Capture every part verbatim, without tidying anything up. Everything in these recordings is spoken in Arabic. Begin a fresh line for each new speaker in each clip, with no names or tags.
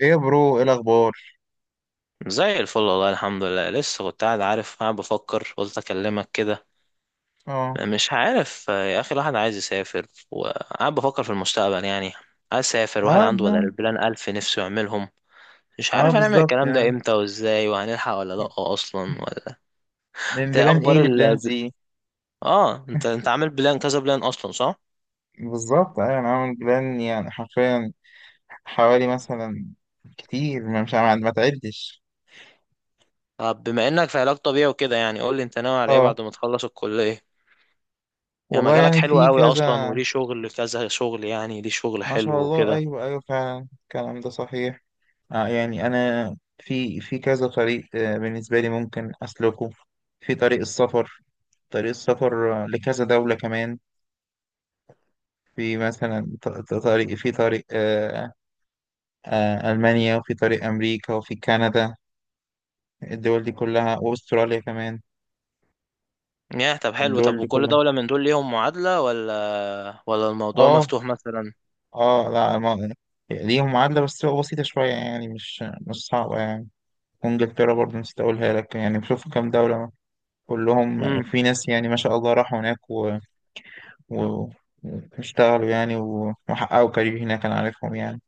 ايه يا برو، ايه الاخبار؟
زي الفل، والله الحمد لله. لسه كنت قاعد، عارف، قاعد بفكر، قلت اكلمك كده.
اه.
مش عارف يا اخي، الواحد عايز يسافر وقاعد بفكر في المستقبل يعني. عايز اسافر، واحد
اه
عنده
ده.
بدل البلان الف نفسه يعملهم. مش
اه،
عارف هنعمل
بالظبط
الكلام ده
يعني.
امتى وازاي، وهنلحق ولا لا، اصلا ولا.
من
انت إيه
بلان ايه
اخبار
لبلان
ال
زي؟
اه انت انت عامل بلان كذا بلان اصلا، صح؟
بالظبط ايوه، انا عامل بلان يعني حرفيا، حوالي مثلا كتير ما مش عم- ما تعدش.
طب بما انك في علاج طبيعي وكده، يعني قول لي انت ناوي على ايه
اه
بعد ما تخلص الكلية. يعني
والله،
مجالك
يعني
حلو
في
قوي اصلا،
كذا.
وليه شغل كذا شغل، يعني ليه شغل
ما
حلو
شاء الله،
وكده.
ايوه ايوه، فعلا الكلام ده صحيح. آه، يعني انا في في كذا طريق، آه بالنسبه لي ممكن اسلكه. في طريق السفر. طريق السفر، آه لكذا دوله كمان. في مثلا ط- ط- طريق، في طريق، آه، آه، ألمانيا، وفي طريق أمريكا، وفي كندا. الدول دي كلها، وأستراليا كمان.
ياه، طب حلو. طب
الدول دي
وكل
كلها.
دولة من دول ليهم معادلة، ولا ولا الموضوع
اه.
مفتوح مثلا؟
اه، لا، ما ليهم معادلة، بس تبقى بسيطة شوية يعني، مش مش صعبة يعني. وإنجلترا برضه نسيت أقولها لك، يعني بشوف كام دولة كلهم
امم
في ناس، يعني ما شاء الله راحوا هناك و... و... واشتغلوا يعني و- وحققوا كارير هناك، أنا عارفهم يعني.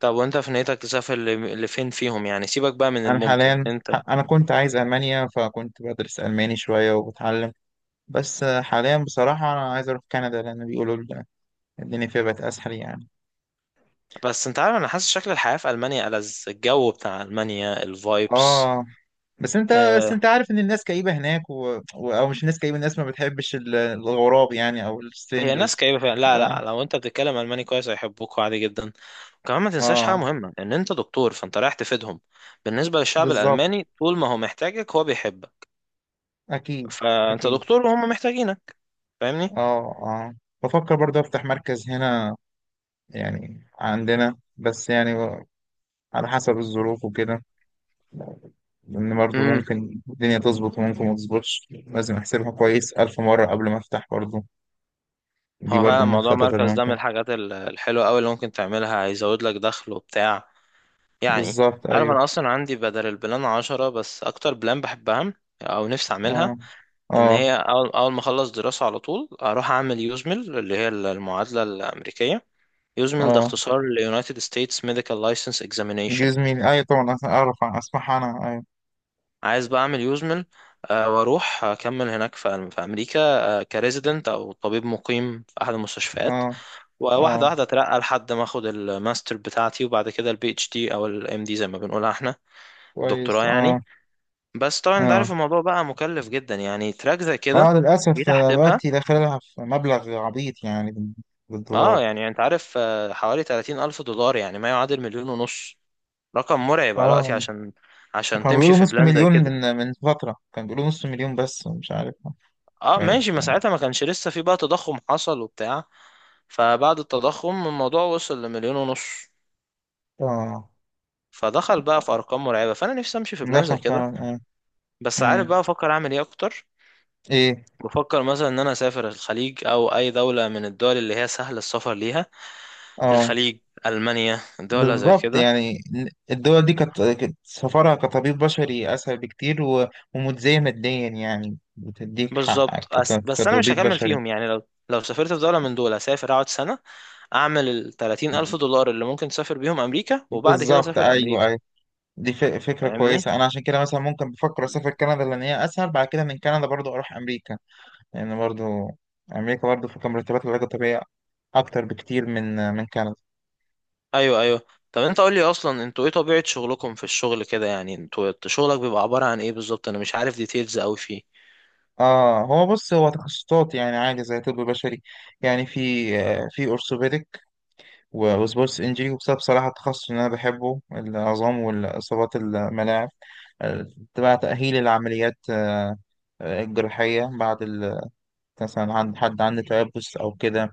طب وانت في نيتك تسافر ل- لفين فيهم يعني؟ سيبك بقى من
أنا
الممكن
حاليا
انت.
ح- أنا كنت عايز ألمانيا، فكنت بدرس ألماني شوية وبتعلم. بس حاليا بصراحة أنا عايز أروح كندا، لأن بيقولوا الدنيا فيها بقت اسهل يعني.
بس انت عارف، انا حاسس شكل الحياة في ألمانيا ألذ، الجو بتاع ألمانيا، الفايبس.
اه، بس انت بس
آه.
انت عارف ان الناس كئيبه هناك و... و... او مش الناس كئيبه، الناس ما بتحبش ال- الغراب يعني، او
هي ناس
السترينجرز.
كئيبة فعلا، لا
لا.
لا، لو انت بتتكلم ألماني كويس هيحبوك عادي جدا. وكمان ما تنساش حاجة
اه،
مهمة، ان انت دكتور فانت رايح تفيدهم. بالنسبة للشعب
بالظبط.
الألماني، طول ما هو محتاجك هو بيحبك.
اكيد.
فانت
اكيد.
دكتور وهم محتاجينك.
اه. اه. بفكر برضه افتح مركز هنا، يعني عندنا بس، يعني على حسب الظروف وكده. لان برضه
فاهمني.
ممكن الدنيا تظبط وممكن ما تظبطش، لازم احسبها كويس الف مره قبل ما افتح برضه. دي
هو
برضه
فعلا
من
موضوع
الخطط اللي
مركز ده من
ممكن.
الحاجات ال- الحلوة أوي اللي ممكن تعملها، هيزود لك دخل وبتاع، يعني.
بالظبط
عارف،
ايوه.
أنا أصلا عندي بدل البلان عشرة، بس أكتر بلان بحبها أو نفسي أعملها،
اه.
إن
اه.
هي أول, أول ما أخلص دراسة على طول أروح أعمل يوزميل، اللي هي المعادلة الأمريكية. يوزميل ده
اه.
اختصار ل United States Medical License Examination.
جوز مين؟ ايوه طبعا، أس- اعرف، اسمح انا، ايوه.
عايز بقى أعمل يوزميل، آه، وأروح أكمل هناك في في أمريكا كريزيدنت أو طبيب مقيم في أحد المستشفيات.
اه.
وواحدة
اه،
واحدة اترقى لحد ما اخد الماستر بتاعتي، وبعد كده البي اتش دي او الام دي، زي ما بنقولها احنا،
كويس.
الدكتوراه يعني.
اه.
بس طبعا انت عارف
اه.
الموضوع بقى مكلف جدا يعني، تراك زي
اه،
كده.
للاسف،
جيت
آه،
احسبها.
دلوقتي داخلها في مبلغ عبيط يعني بال-
اه،
بالدولار.
يعني انت عارف، آه، حوالي ثلاثين ألف دولار، يعني ما يعادل مليون ونص. رقم مرعب على وقتي،
اه،
عشان عشان
كانوا
تمشي
بيقولوا
في
نص
بلان زي
مليون،
كده.
من من فترة كانوا بيقولوا نص مليون، بس مش عارف.
اه
بعيد،
ماشي، ما
اه.
ساعتها ما كانش لسه في، بقى تضخم حصل وبتاع، فبعد التضخم الموضوع وصل لمليون ونص.
آه.
فدخل بقى في ارقام مرعبة، فانا نفسي امشي في بلان زي
داخل
كده
فعلا، اه.
بس. عارف
مم.
بقى بفكر اعمل ايه اكتر؟
ايه.
بفكر مثلا ان انا اسافر الخليج، او اي دولة من الدول اللي هي سهل السفر ليها،
اه،
الخليج، المانيا، دولة زي
بالظبط
كده.
يعني، الدول دي كانت كانت سفرها كطبيب بشري أسهل بكتير و- ومتزاية ماديا، يعني بتديك حقك
بالظبط أس-
ك-
بس انا مش
كطبيب
هكمل
بشري.
فيهم يعني، لو لو سافرت في دولة من دول هسافر اقعد سنة، اعمل الثلاثين ألف دولار اللي ممكن تسافر بيهم امريكا، وبعد كده
بالظبط،
اسافر
أيوه
امريكا.
أيوه. دي ف- فكرة
فاهمني.
كويسة. أنا عشان كده مثلا ممكن بفكر أسافر كندا، لأن هي أسهل، بعد كده من كندا برضو أروح أمريكا. لأن برضو أمريكا برضو في مرتبات العلاج الطبيعي أكتر بكتير من من كندا.
ايوه ايوه. طب انت قول لي اصلا، انتوا ايه طبيعة شغلكم في الشغل كده يعني؟ انتوا شغلك بيبقى عبارة عن ايه بالظبط؟ انا مش عارف ديتيلز قوي فيه.
اه، هو بص، هو تخصصات يعني عادي زي طب بشري، يعني في آه، في اورثوبيدك، وسبورتس انجري، وبسبب صراحة التخصص اللي أنا بحبه العظام والإصابات الملاعب، آه، تبع تأهيل العمليات، آه، آه، الجراحية بعد ال- مثلا عند حد عنده تيبس أو كده.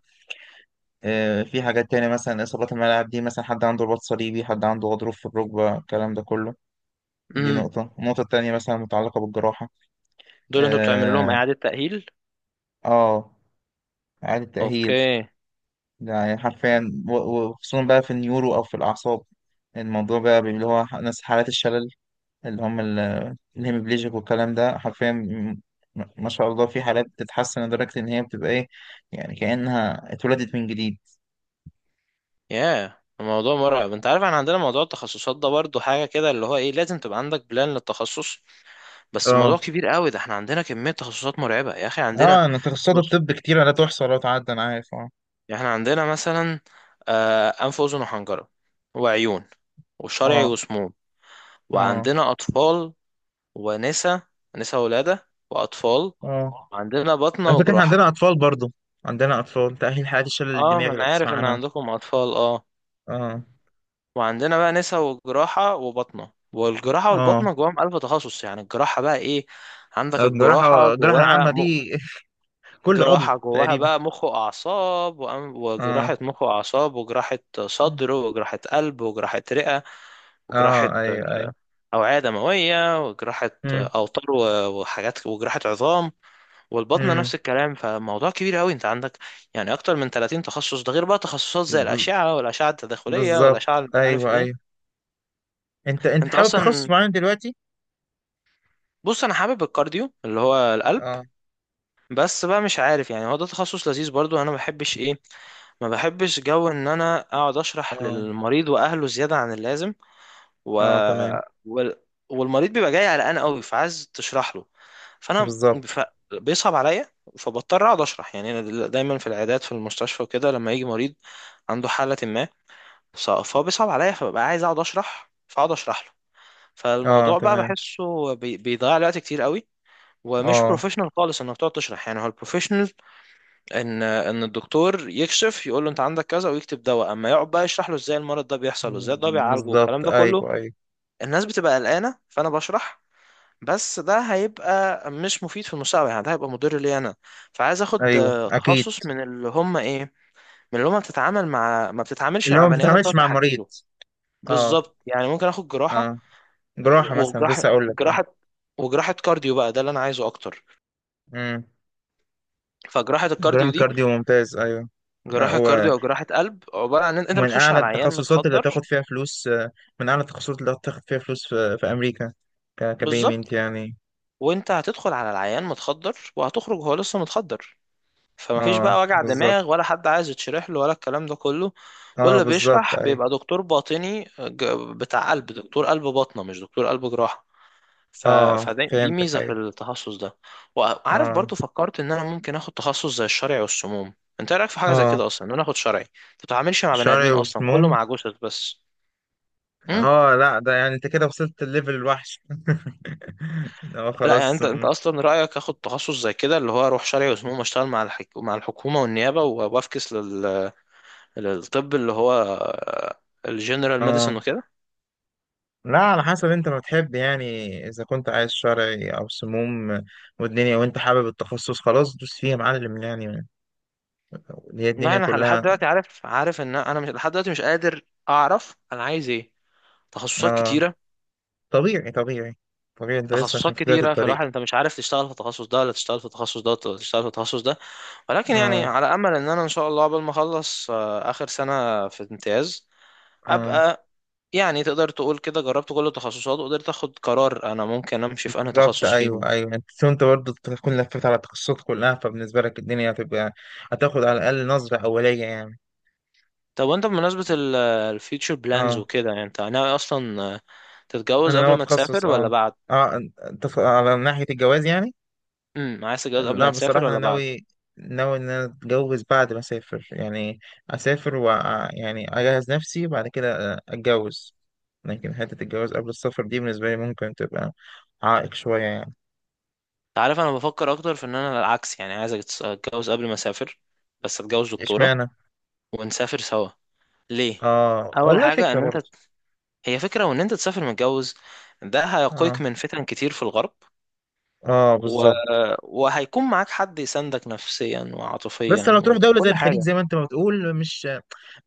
آه، في حاجات تانية مثلا، إصابات الملاعب دي، مثلا حد عنده رباط صليبي، حد عنده غضروف في الركبة، الكلام ده كله. دي
امم
نقطة، النقطة التانية مثلا متعلقة بالجراحة.
دول انتوا بتعملوا لهم
آه.
اعادة تأهيل؟
آه، إعادة تأهيل،
اوكي.
يعني حرفيا و- وخصوصا بقى في النيورو أو في الأعصاب، الموضوع بقى اللي هو ناس حالات الشلل، اللي هم ال- الهemiplegic، والكلام ده حرفيا م- ما شاء الله، في حالات بتتحسن لدرجة إن هي بتبقى إيه، يعني كأنها اتولدت من جديد.
ياه الموضوع مرعب. انت عارف احنا عندنا موضوع التخصصات ده برضو حاجة كده، اللي هو ايه، لازم تبقى عندك بلان للتخصص، بس الموضوع
اه.
كبير قوي ده، احنا عندنا كمية تخصصات مرعبة يا اخي. عندنا،
اه، انا تخصصات
بص،
الطب كتير لا تحصى لا تعد، انا عارف. اه.
احنا عندنا مثلا، آه، انف واذن وحنجرة، وعيون، وشرعي
اه.
وسموم،
اه.
وعندنا اطفال، ونسا، نسا ولادة واطفال،
اه.
وعندنا بطنة
على فكرة احنا
وجراحة.
عندنا اطفال برضو، عندنا اطفال تأهيل حالات الشلل
اه ما
الدماغي،
انا
لو تسمع
عارف ان
عنها.
عندكم اطفال، اه.
اه.
وعندنا بقى نسا وجراحة وبطنة، والجراحة
اه.
والبطنة جواهم ألف تخصص. يعني الجراحة بقى إيه؟
آه،
عندك الجراحة
الجراحة الجراحة
جواها
العامة
م...
دي كل عضو
جراحة جواها
تقريبا.
بقى مخ وأعصاب وأم...
اه.
وجراحة مخ وأعصاب، وجراحة صدر، وجراحة قلب، وجراحة رئة، وجراحة
اه. ايوه ايوه.
أوعية دموية، وجراحة
امم.
أوتار و... وحاجات، وجراحة عظام. والبطنة نفس
امم.
الكلام، فموضوع كبير أوي أنت عندك. يعني أكتر من ثلاثين تخصص، ده غير بقى تخصصات زي
بز-
الأشعة، والأشعة التداخلية،
بالظبط،
والأشعة مش عارف
ايوه
إيه.
ايوه. انت انت
انت
حابب تخصص
اصلا،
معين دلوقتي؟
بص، انا حابب الكارديو اللي هو القلب،
اه.
بس بقى مش عارف يعني، هو ده تخصص لذيذ برضو. انا ما بحبش ايه، ما بحبش جو ان انا اقعد اشرح
اه.
للمريض واهله زيادة عن اللازم. و...
اه، تمام.
وال... والمريض بيبقى جاي قلقان قوي فعايز تشرح له، فانا
بالظبط.
ف... بيصعب عليا، فبضطر اقعد اشرح. يعني انا دل- دايما في العيادات، في المستشفى وكده، لما يجي مريض عنده حالة ما، ف- فهو بيصعب عليا فببقى عايز اقعد اشرح، فاقعد اشرح له،
اه،
فالموضوع بقى
تمام.
بحسه بي- بيضيع لي وقت كتير قوي. ومش
اه.
بروفيشنال خالص انك تقعد تشرح، يعني هو البروفيشنال ان ان الدكتور يكشف، يقول له انت عندك كذا ويكتب دواء، اما يقعد بقى يشرح له ازاي المرض ده بيحصل وازاي ده
م-
بيعالجه والكلام
بالظبط،
ده كله.
ايوه ايوه.
الناس بتبقى قلقانه فانا بشرح، بس ده هيبقى مش مفيد في المستقبل يعني، ده هيبقى مضر لي انا. فعايز اخد
ايوه،
آه،
اكيد.
تخصص من اللي هم ايه، من اللي هم بتتعامل مع، ما بتتعاملش
اللي
مع
هو ما
بني ادم تقعد
بتتعاملش مع
تحكي
المريض.
له.
اه.
بالظبط، يعني ممكن اخد جراحه.
اه. جراحة مثلا
وجراحه
لسه اقول لك، اه.
جراحه وجراحة كارديو بقى ده اللي انا عايزه اكتر.
امم.
فجراحة
جراحة
الكارديو دي،
كارديو، ممتاز، ايوه. ما
جراحة كارديو
هو
أو جراحة قلب، عبارة عن إن أنت
من
بتخش
اعلى
على عيان
التخصصات اللي
متخدر.
هتاخد فيها فلوس، آه، من اعلى التخصصات اللي هتاخد فيها فلوس في, في امريكا، ك كبيمنت
بالظبط.
يعني.
وأنت هتدخل على العيان متخدر وهتخرج هو لسه متخدر، فمفيش
اه،
بقى وجع
بالظبط.
دماغ ولا حد عايز يتشرح له ولا الكلام ده كله.
اه،
واللي
بالظبط
بيشرح
ايوه.
بيبقى دكتور باطني، ج- بتاع قلب، دكتور قلب باطنة مش دكتور قلب جراحة. ف...
اه،
فدي، دي
فهمتك،
ميزة في
ايوه.
التخصص ده. وعارف
اه.
برضو فكرت إن أنا ممكن آخد تخصص زي الشرعي والسموم. أنت إيه رأيك في حاجة زي
اه.
كده أصلا، إن أنا آخد شرعي؟ ما بتتعاملش مع بني
شعري
آدمين أصلا،
وسموم.
كله مع جثث بس.
اه، لا، ده يعني انت كده وصلت الليفل الوحش اه،
لا يعني
خلاص،
انت، انت
م،
اصلا رايك اخد تخصص زي كده، اللي هو اروح شرعي وسموم اشتغل مع الحك... مع الحكومه والنيابه، وافكس لل... للطب اللي هو الجنرال ميديسن
اه،
وكده؟
لا، على حسب انت ما بتحب يعني، اذا كنت عايز شرعي او سموم والدنيا وانت حابب التخصص، خلاص دوس فيها يا معلم يعني، هي
لا
الدنيا
انا لحد
كلها.
دلوقتي عارف عارف ان انا مش، لحد دلوقتي مش قادر اعرف انا عايز ايه. تخصصات
اه،
كتيره،
طبيعي طبيعي. طبيعي، انت لسه عشان
تخصصات
في بداية
كتيره،
الطريق.
فالواحد انت مش عارف تشتغل في التخصص ده ولا تشتغل في التخصص ده ولا تشتغل في التخصص ده. ولكن يعني
اه.
على امل ان انا ان شاء الله قبل ما اخلص، آه، اخر سنه في امتياز،
اه،
ابقى يعني تقدر تقول كده جربت كل التخصصات، وقدرت اخد قرار انا ممكن امشي في انهي
بالظبط
تخصص فيهم.
ايوه ايوه، انت انت برضه تكون لفيت على التخصصات كلها، فبالنسبة لك الدنيا هتبقى، هتاخد على الاقل نظرة اولية يعني.
طب وانت، بمناسبة الفيوتشر بلانز
اه،
وكده، يعني انت ناوي اصلا تتجوز
انا ناوي
قبل ما
اتخصص.
تسافر ولا
اه.
بعد؟
اه. انت ف- على ناحية الجواز يعني.
امم عايز تتجوز قبل
لا
ما تسافر
بصراحة انا
ولا بعد؟
ناوي، ناوي ان انا اتجوز بعد ما اسافر يعني، اسافر و، يعني اجهز نفسي بعد كده اتجوز. لكن حتة الجواز قبل السفر دي بالنسبة لي ممكن تبقى عائق شوية يعني.
انت عارف انا بفكر اكتر في ان انا العكس يعني، عايز اتجوز قبل ما اسافر، بس اتجوز دكتورة
اشمعنى؟
ونسافر سوا. ليه؟
اه
اول
والله،
حاجة،
فكرة
ان انت،
برضه.
هي فكرة، وان انت تسافر متجوز، ده هيقيك
اه.
من فتن كتير في الغرب.
اه،
و...
بالظبط.
وهيكون معاك حد يساندك نفسيا
بس
وعاطفيا
لو تروح دولة زي
وكل
الخليج،
حاجة.
زي ما انت ما بتقول، مش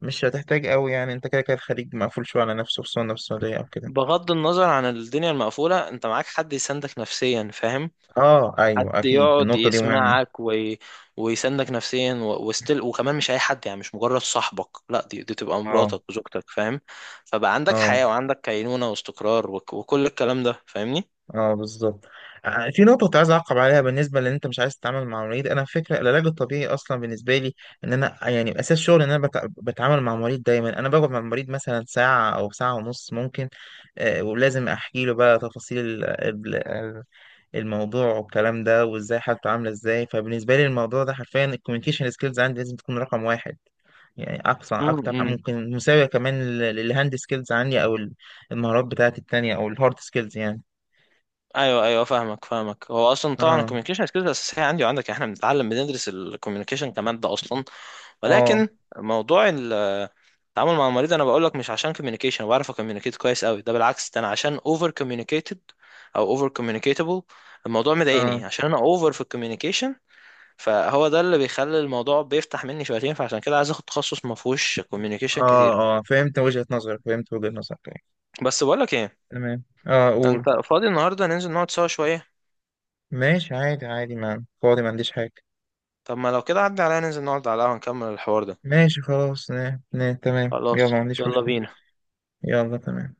مش هتحتاج قوي يعني، انت كده كده الخليج مقفول شوية على نفسه، خصوصا لو في السعودية او كده.
بغض النظر عن الدنيا المقفولة، انت معاك حد يساندك نفسيا، فاهم؟
اه،
حد
ايوه اكيد،
يقعد
النقطه دي مهمه.
يسمعك وي... ويساندك نفسيا، و... وستيل، وكمان مش اي حد يعني، مش مجرد صاحبك، لا، دي, دي تبقى
اه.
مراتك وزوجتك، فاهم؟ فبقى عندك
اه.
حياة، وعندك كينونة واستقرار وك... وكل الكلام ده، فاهمني.
اه، بالظبط. آه، آه، في نقطه كنت عايز اعقب عليها، بالنسبه لان انت مش عايز تتعامل مع مريض، انا فكره العلاج الطبيعي اصلا بالنسبه لي ان انا يعني اساس شغل ان انا بت- بتعامل مع مريض دايما، انا بقعد مع المريض مثلا ساعه او ساعه ونص ممكن، آه، ولازم احكي له بقى تفاصيل الموضوع والكلام ده وازاي حالته عامله ازاي، فبالنسبه لي الموضوع ده حرفيا الكوميونيكيشن سكيلز عندي لازم تكون رقم واحد، يعني اقصى اكتر ح-
امم
ممكن مساويه كمان لل- للهاند سكيلز عندي او ال- المهارات بتاعتي التانية، او الهارد سكيلز يعني.
ايوه ايوه، فاهمك فاهمك. هو اصلا طبعا
اه.
الكوميونيكيشن سكيلز اساسيه عندي وعندك، احنا بنتعلم بندرس الكوميونيكيشن كماده اصلا،
اه.
ولكن موضوع ال- التعامل مع المريض، انا بقول لك مش عشان كوميونيكيشن بعرف اكوميونيكيت كويس قوي، ده بالعكس، ده انا عشان اوفر كوميونيكيتد، او اوفر كوميونيكيتابل. الموضوع
اه.
مضايقني عشان انا اوفر في الكوميونيكيشن، فهو ده اللي بيخلي الموضوع بيفتح مني شويتين، فعشان كده عايز اخد تخصص ما فيهوش كوميونيكيشن
اه.
كتير.
اه، فهمت وجهة نظرك، فهمت وجهة نظرك يعني.
بس بقول لك ايه،
تمام، اه، قول.
انت فاضي النهارده ننزل نقعد سوا شويه؟
ماشي عادي، عادي، ما فاضي، ما عنديش حاجة.
طب ما لو كده عدي عليا ننزل نقعد على القهوه نكمل الحوار ده.
ماشي خلاص، نه نه، تمام، يلا،
خلاص،
ما عنديش
يلا
مشكلة.
بينا.
يلا تمام.